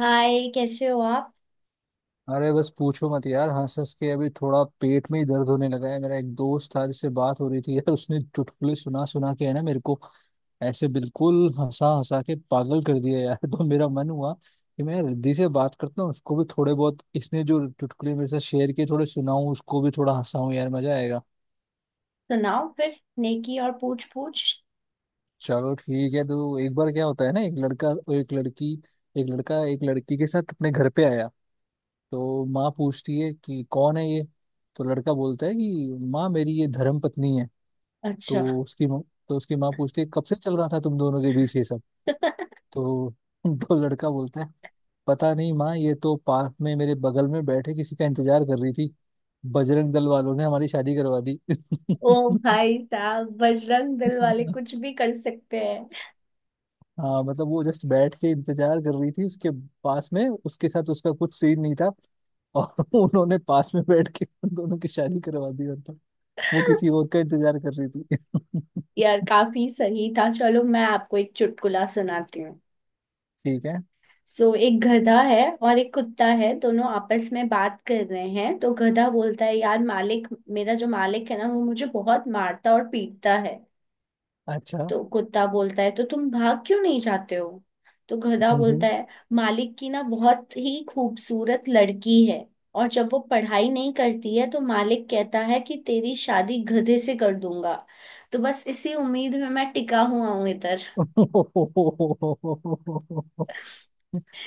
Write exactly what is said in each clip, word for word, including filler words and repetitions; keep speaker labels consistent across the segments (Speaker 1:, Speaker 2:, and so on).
Speaker 1: हाय, कैसे हो आप।
Speaker 2: अरे बस पूछो मत यार, हंस हंस के अभी थोड़ा पेट में ही दर्द होने लगा है। मेरा एक दोस्त था जिससे बात हो रही थी यार, उसने चुटकुले सुना सुना के है ना मेरे को ऐसे बिल्कुल हंसा हंसा के पागल कर दिया यार। तो मेरा मन हुआ कि मैं रिद्धि से बात करता हूँ, उसको भी थोड़े बहुत इसने जो चुटकुले मेरे साथ शेयर किए थोड़े सुनाऊं, उसको भी थोड़ा हंसाऊं यार, मजा आएगा।
Speaker 1: सुनाओ फिर। नेकी और पूछ पूछ।
Speaker 2: चलो ठीक है। तो एक बार क्या होता है ना, एक लड़का और एक लड़की, एक लड़का एक लड़की के साथ अपने घर पे आया। तो माँ पूछती है कि कौन है ये। तो लड़का बोलता है कि माँ मेरी ये धर्म पत्नी है। तो
Speaker 1: अच्छा।
Speaker 2: उसकी माँ, तो उसकी माँ पूछती है, कब से चल रहा था तुम दोनों के बीच ये सब। तो तो लड़का बोलता है, पता नहीं माँ, ये तो पार्क में मेरे बगल में बैठे किसी का इंतजार कर रही थी, बजरंग दल वालों ने हमारी शादी करवा दी।
Speaker 1: ओ भाई साहब, बजरंग दल वाले कुछ भी कर सकते हैं।
Speaker 2: हाँ, मतलब वो जस्ट बैठ के इंतजार कर रही थी उसके पास में, उसके साथ उसका कुछ सीन नहीं था। और उन्होंने पास में बैठ के उन दोनों की शादी करवा दी, मतलब वो किसी और का इंतजार कर रही थी।
Speaker 1: यार, काफी सही था। चलो, मैं आपको एक चुटकुला सुनाती हूँ।
Speaker 2: ठीक है।
Speaker 1: सो, एक गधा है और एक कुत्ता है। दोनों आपस में बात कर रहे हैं। तो गधा बोलता है, यार मालिक, मेरा जो मालिक है ना वो मुझे बहुत मारता और पीटता है।
Speaker 2: अच्छा।
Speaker 1: तो कुत्ता बोलता है, तो तुम भाग क्यों नहीं जाते हो? तो गधा बोलता
Speaker 2: हम्म।
Speaker 1: है, मालिक की ना बहुत ही खूबसूरत लड़की है। और जब वो पढ़ाई नहीं करती है तो मालिक कहता है कि तेरी शादी गधे से कर दूंगा। तो बस इसी उम्मीद में मैं टिका हुआ हूं इधर।
Speaker 2: हम्म।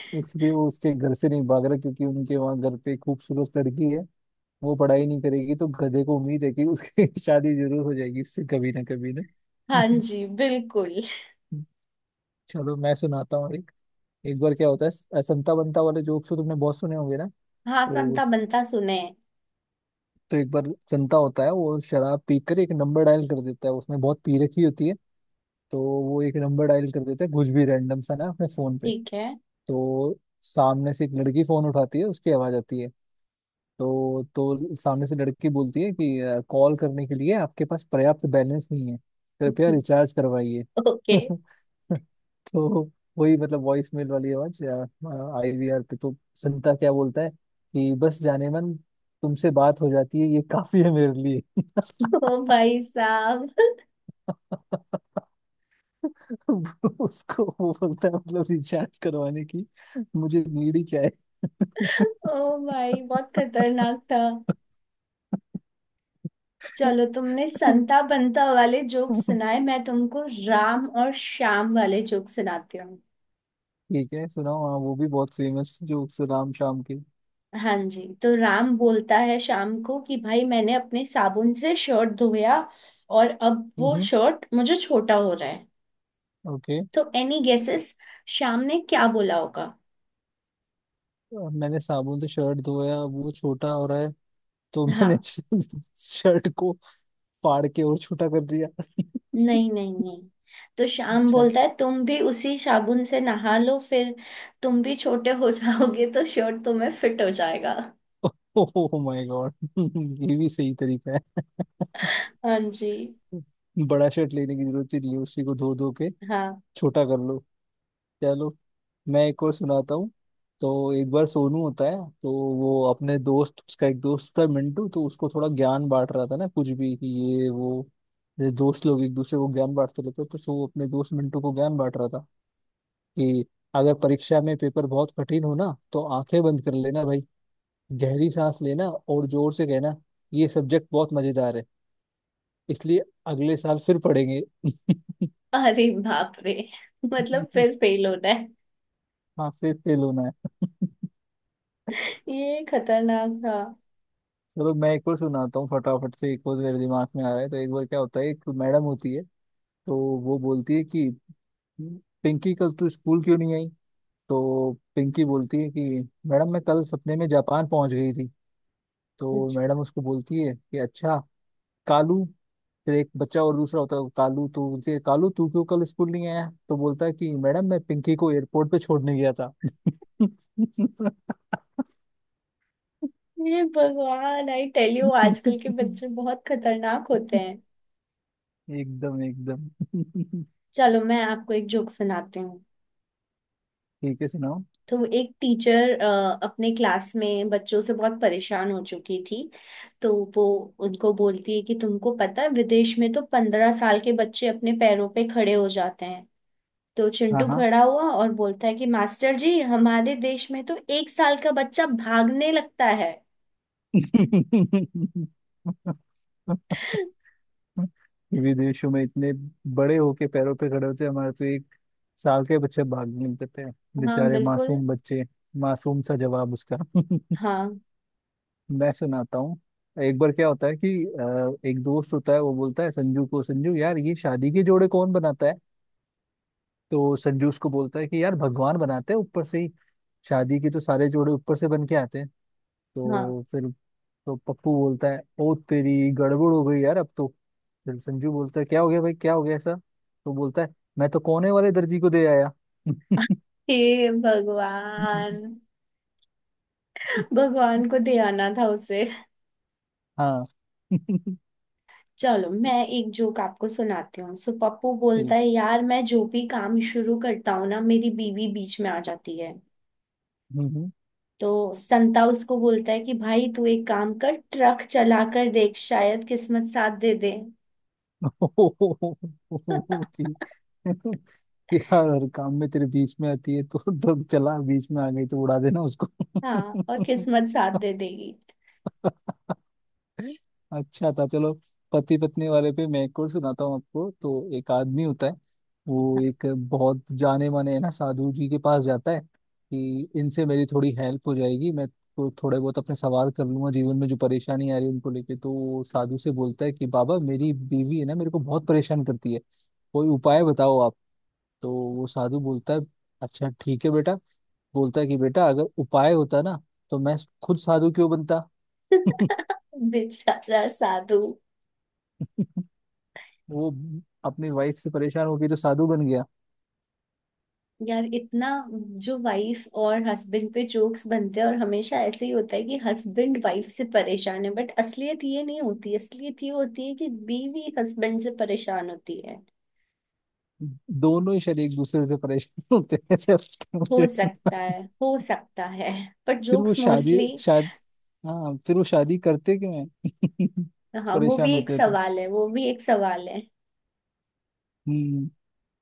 Speaker 2: इसलिए वो उसके घर से नहीं भाग रहा, क्योंकि उनके वहाँ घर पे एक खूबसूरत लड़की है। वो पढ़ाई नहीं करेगी तो गधे को उम्मीद है कि उसकी शादी जरूर हो जाएगी उससे कभी ना कभी ना।
Speaker 1: हाँ जी, बिल्कुल।
Speaker 2: चलो, मैं सुनाता हूँ एक। एक बार क्या होता है, संता बंता वाले जोक्स तो तुमने बहुत सुने होंगे ना।
Speaker 1: हाँ,
Speaker 2: तो
Speaker 1: संता बनता सुने।
Speaker 2: तो एक बार जनता होता है, वो शराब पीकर एक नंबर डायल कर देता है, उसने बहुत पी रखी होती है। तो वो एक नंबर डायल कर देता है कुछ भी रैंडम सा ना अपने फोन पे।
Speaker 1: ठीक है।
Speaker 2: तो सामने से एक लड़की फोन उठाती है, उसकी आवाज आती है। तो तो सामने से लड़की बोलती है कि अ, कॉल करने के लिए आपके पास पर्याप्त बैलेंस नहीं है, कृपया रिचार्ज करवाइए।
Speaker 1: ओके।
Speaker 2: तो वही मतलब वॉइस मेल वाली आवाज, आईवीआर पे। तो संता क्या बोलता है कि बस जाने मन, तुमसे बात हो जाती है, ये काफी है मेरे लिए।
Speaker 1: ओ भाई साहब।
Speaker 2: उसको वो बोलता है, मतलब रिचार्ज करवाने की मुझे नीड ही क्या है।
Speaker 1: ओ भाई, बहुत खतरनाक था। चलो, तुमने
Speaker 2: ठीक
Speaker 1: संता बंता वाले जोक सुनाए, मैं तुमको राम और श्याम वाले जोक सुनाती हूँ।
Speaker 2: है, सुनाओ। हाँ, वो भी बहुत फेमस जोक्स, राम शाम के।
Speaker 1: हाँ जी, तो राम बोलता है शाम को कि भाई, मैंने अपने साबुन से शर्ट धोया और अब वो
Speaker 2: हम्म।
Speaker 1: शर्ट मुझे छोटा हो रहा है।
Speaker 2: ओके।
Speaker 1: तो एनी गेसेस, श्याम ने क्या बोला होगा?
Speaker 2: मैंने साबुन से शर्ट धोया वो छोटा हो रहा है, तो
Speaker 1: हाँ।
Speaker 2: मैंने शर्ट को फाड़ के और छोटा कर दिया।
Speaker 1: नहीं नहीं नहीं। तो श्याम
Speaker 2: अच्छा।
Speaker 1: बोलता है, तुम भी उसी साबुन से नहा लो फिर। तुम भी छोटे हो जाओगे तो शर्ट तुम्हें फिट हो जाएगा।
Speaker 2: Oh my God. ये भी सही तरीका है।
Speaker 1: हाँ जी।
Speaker 2: बड़ा शर्ट लेने की जरूरत ही नहीं है, उसी को धो धो के
Speaker 1: हाँ।
Speaker 2: छोटा कर लो। चलो मैं एक और सुनाता हूँ। तो एक बार सोनू होता है, तो वो अपने दोस्त, उसका एक दोस्त था मिंटू, तो उसको थोड़ा ज्ञान बांट रहा था ना कुछ भी, कि ये वो, ये दोस्त लोग एक दूसरे को ज्ञान बांटते रहते हैं। तो सो वो अपने दोस्त मिंटू को ज्ञान बांट रहा था कि अगर परीक्षा में पेपर बहुत कठिन हो ना, तो आंखें बंद कर लेना भाई, गहरी सांस लेना, और जोर से कहना, ये सब्जेक्ट बहुत मजेदार है, इसलिए अगले साल फिर पढ़ेंगे।
Speaker 1: अरे बाप रे, मतलब फिर फेल होना है।
Speaker 2: हाँ, फिर फेल होना है।
Speaker 1: ये खतरनाक था।
Speaker 2: चलो मैं एक और सुनाता हूँ, फटाफट से, एक और मेरे दिमाग में आ रहा है। तो एक बार क्या होता है, एक मैडम होती है। तो वो बोलती है कि पिंकी कल तू स्कूल क्यों नहीं आई। तो पिंकी बोलती है कि मैडम मैं कल सपने में जापान पहुंच गई थी। तो
Speaker 1: अच्छा।
Speaker 2: मैडम उसको बोलती है कि अच्छा। कालू, फिर एक बच्चा और दूसरा होता है कालू, तो बोलती है, कालू तू क्यों कल स्कूल नहीं आया। तो बोलता है कि मैडम मैं पिंकी को एयरपोर्ट पे छोड़ने गया था।
Speaker 1: ये भगवान, आई टेल यू, आजकल के बच्चे बहुत खतरनाक होते हैं।
Speaker 2: एकदम एकदम।
Speaker 1: चलो, मैं आपको एक जोक सुनाती हूँ।
Speaker 2: ठीक है, सुनाओ।
Speaker 1: तो एक टीचर अपने क्लास में बच्चों से बहुत परेशान हो चुकी थी। तो वो उनको बोलती है कि तुमको पता है, विदेश में तो पंद्रह साल के बच्चे अपने पैरों पे खड़े हो जाते हैं। तो
Speaker 2: हाँ
Speaker 1: चिंटू
Speaker 2: हाँ।
Speaker 1: खड़ा हुआ और बोलता है कि मास्टर जी, हमारे देश में तो एक साल का बच्चा भागने लगता है।
Speaker 2: विदेशों में इतने बड़े होके पैरों पे खड़े होते हैं, हमारे तो एक साल के बच्चे भाग निकलते हैं।
Speaker 1: हाँ
Speaker 2: बेचारे
Speaker 1: बिल्कुल।
Speaker 2: मासूम बच्चे। मासूम सा जवाब उसका।
Speaker 1: हाँ
Speaker 2: मैं सुनाता हूँ। एक बार क्या होता है कि अ, एक दोस्त होता है, वो बोलता है संजू को, संजू यार ये शादी के जोड़े कौन बनाता है। तो संजू उसको बोलता है कि यार भगवान बनाते हैं ऊपर से ही, शादी के तो सारे जोड़े ऊपर से बन के आते हैं।
Speaker 1: हाँ।
Speaker 2: तो फिर, तो पप्पू बोलता है, ओ तेरी गड़बड़ हो गई यार अब तो। फिर संजू बोलता है, क्या हो गया भाई, क्या हो गया ऐसा। तो बोलता है, मैं तो कोने वाले दर्जी को दे आया।
Speaker 1: हे भगवान, भगवान को ध्याना था उसे।
Speaker 2: हाँ।
Speaker 1: चलो, मैं एक जोक आपको सुनाती हूँ। सो पप्पू बोलता
Speaker 2: ठीक।
Speaker 1: है, यार मैं जो भी काम शुरू करता हूँ ना, मेरी बीवी बीच में आ जाती है।
Speaker 2: हम्म, हम्म।
Speaker 1: तो संता उसको बोलता है कि भाई, तू एक काम कर, ट्रक चला कर देख, शायद किस्मत साथ दे दे।
Speaker 2: ठीक यार, हर काम में तेरे बीच में आती है, तो ट्रक चला, बीच में आ गई तो उड़ा देना उसको।
Speaker 1: हाँ, और किस्मत साथ दे देगी।
Speaker 2: अच्छा था। चलो, पति पत्नी वाले पे मैं एक और सुनाता हूँ आपको। तो एक आदमी होता है, वो
Speaker 1: हाँ,
Speaker 2: एक बहुत जाने माने है ना साधु जी के पास जाता है, कि इनसे मेरी थोड़ी हेल्प हो जाएगी, मैं तो थोड़े बहुत अपने सवाल कर लूंगा जीवन में जो परेशानी आ रही है उनको लेके। तो वो साधु से बोलता है कि बाबा मेरी बीवी है ना, मेरे को बहुत परेशान करती है, कोई उपाय बताओ आप। तो वो साधु बोलता है, अच्छा ठीक है बेटा। बोलता है कि बेटा, अगर उपाय होता ना, तो मैं खुद साधु क्यों बनता।
Speaker 1: बेचारा साधु।
Speaker 2: वो अपनी वाइफ से परेशान होके जो साधु बन गया।
Speaker 1: यार, इतना जो वाइफ और हस्बैंड पे जोक्स बनते हैं, और हमेशा ऐसे ही होता है कि हस्बैंड वाइफ से परेशान है, बट असलियत ये नहीं होती। असलियत ये होती है कि बीवी हस्बैंड से परेशान होती है।
Speaker 2: दोनों ही शायद एक दूसरे से परेशान होते हैं, ऐसे लगता है
Speaker 1: हो
Speaker 2: मुझे।
Speaker 1: सकता है, हो सकता है। पर
Speaker 2: फिर वो
Speaker 1: जोक्स
Speaker 2: शादी
Speaker 1: मोस्टली।
Speaker 2: शाद हाँ, फिर वो शादी करते क्यों है?
Speaker 1: हाँ, वो भी
Speaker 2: परेशान
Speaker 1: एक
Speaker 2: होते हैं तो।
Speaker 1: सवाल है, वो भी एक सवाल है।
Speaker 2: हम्म।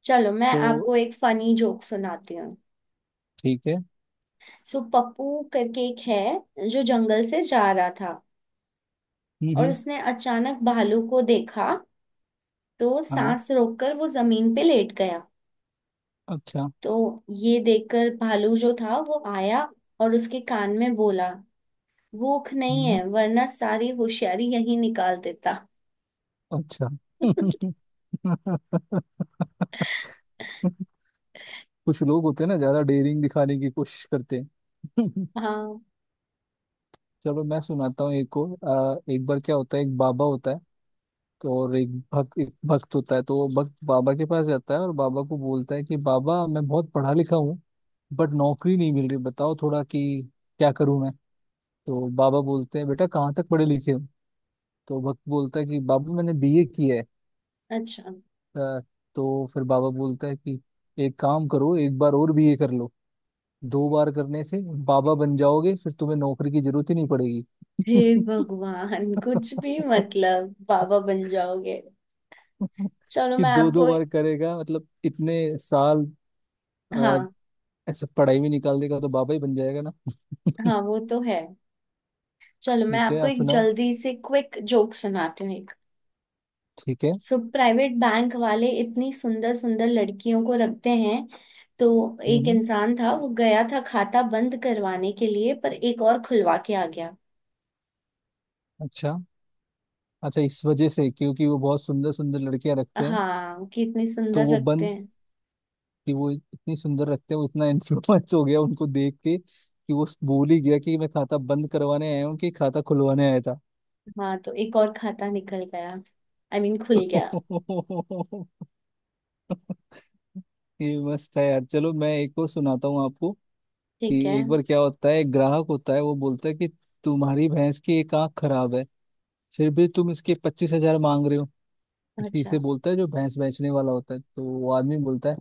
Speaker 1: चलो, मैं
Speaker 2: तो
Speaker 1: आपको एक फनी जोक सुनाती हूँ।
Speaker 2: ठीक है।
Speaker 1: सो पप्पू करके एक है जो जंगल से जा रहा था,
Speaker 2: हम्म,
Speaker 1: और
Speaker 2: हम्म।
Speaker 1: उसने अचानक भालू को देखा। तो
Speaker 2: हाँ।
Speaker 1: सांस रोककर वो जमीन पे लेट गया।
Speaker 2: अच्छा।
Speaker 1: तो ये देखकर भालू जो था वो आया, और उसके कान में बोला, भूख नहीं
Speaker 2: हम्म।
Speaker 1: है, वरना सारी होशियारी यही निकाल देता।
Speaker 2: अच्छा। कुछ लोग होते हैं ना, ज्यादा डेयरिंग दिखाने की कोशिश करते हैं।
Speaker 1: हाँ।
Speaker 2: चलो मैं सुनाता हूँ एक को, अ, एक बार क्या होता है, एक बाबा होता है। तो और एक भक्त एक भक्त होता है। तो वो भक्त बाबा के पास जाता है और बाबा को बोलता है कि बाबा मैं बहुत पढ़ा लिखा हूँ, बट नौकरी नहीं मिल रही, बताओ थोड़ा कि क्या करूँ मैं। तो बाबा बोलते हैं, बेटा कहाँ तक पढ़े लिखे हो। तो भक्त बोलता है कि बाबा मैंने बीए किया है।
Speaker 1: अच्छा।
Speaker 2: अ, तो फिर बाबा बोलता है कि एक काम करो, एक बार और बीए कर लो, दो बार करने से बाबा बन जाओगे, फिर तुम्हें नौकरी की जरूरत ही नहीं पड़ेगी।
Speaker 1: हे
Speaker 2: कि
Speaker 1: भगवान, कुछ भी, मतलब बाबा बन जाओगे। चलो मैं
Speaker 2: दो दो
Speaker 1: आपको।
Speaker 2: बार करेगा, मतलब इतने साल आ,
Speaker 1: हाँ।
Speaker 2: ऐसे पढ़ाई में निकाल देगा, तो बाबा ही बन जाएगा ना।
Speaker 1: हाँ, वो तो है। चलो, मैं
Speaker 2: ठीक है,
Speaker 1: आपको
Speaker 2: आप
Speaker 1: एक
Speaker 2: सुनाओ।
Speaker 1: जल्दी से क्विक जोक सुनाती हूँ।
Speaker 2: ठीक है।
Speaker 1: सो प्राइवेट बैंक वाले इतनी सुंदर सुंदर लड़कियों को रखते हैं। तो एक
Speaker 2: हम्म।
Speaker 1: इंसान था, वो गया था खाता बंद करवाने के लिए, पर एक और खुलवा के आ गया।
Speaker 2: अच्छा। अच्छा, इस वजह से, क्योंकि वो बहुत सुंदर सुंदर लड़कियां रखते हैं।
Speaker 1: हाँ, कि इतनी
Speaker 2: तो
Speaker 1: सुंदर
Speaker 2: वो
Speaker 1: रखते
Speaker 2: बन
Speaker 1: हैं।
Speaker 2: कि वो इतनी सुंदर रखते हैं, वो इतना इन्फ्लुएंस हो गया उनको देख के कि वो भूल ही गया कि मैं खाता बंद करवाने आया हूँ कि खाता खुलवाने आया था।
Speaker 1: हाँ, तो एक और खाता निकल गया, आई I मीन mean, खुल गया।
Speaker 2: ये मस्त है यार, चलो मैं एक और सुनाता हूँ आपको,
Speaker 1: ठीक है।
Speaker 2: कि एक बार क्या होता है, एक ग्राहक होता है, वो बोलता है कि तुम्हारी भैंस की एक आंख खराब है, फिर भी तुम इसके पच्चीस हजार मांग रहे हो, किसी
Speaker 1: अच्छा।
Speaker 2: से बोलता है जो भैंस बेचने वाला होता है। तो वो आदमी बोलता है,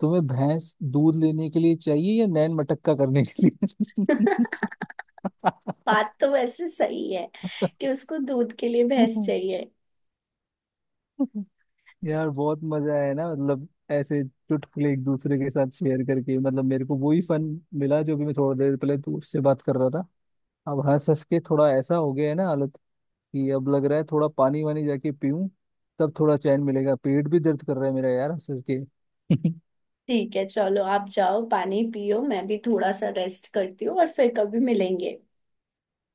Speaker 2: तुम्हें भैंस दूध लेने के लिए चाहिए या नैन मटक्का करने के लिए।
Speaker 1: बात तो वैसे सही है कि उसको दूध के लिए भैंस चाहिए।
Speaker 2: यार बहुत मजा आया ना, मतलब ऐसे चुटकुले एक दूसरे के साथ शेयर करके, मतलब मेरे को वही फन मिला, जो भी मैं थोड़ी देर पहले तू उससे बात कर रहा था। अब हंस हंस के थोड़ा ऐसा हो गया है ना हालत, कि अब लग रहा है थोड़ा पानी वानी जाके पीऊं, तब थोड़ा चैन मिलेगा। पेट भी दर्द कर रहा है मेरा यार, हंस हंस के।
Speaker 1: ठीक है, चलो आप जाओ पानी पियो, मैं भी थोड़ा सा रेस्ट करती हूँ, और फिर कभी मिलेंगे।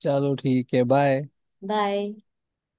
Speaker 2: चलो ठीक है, बाय।
Speaker 1: बाय।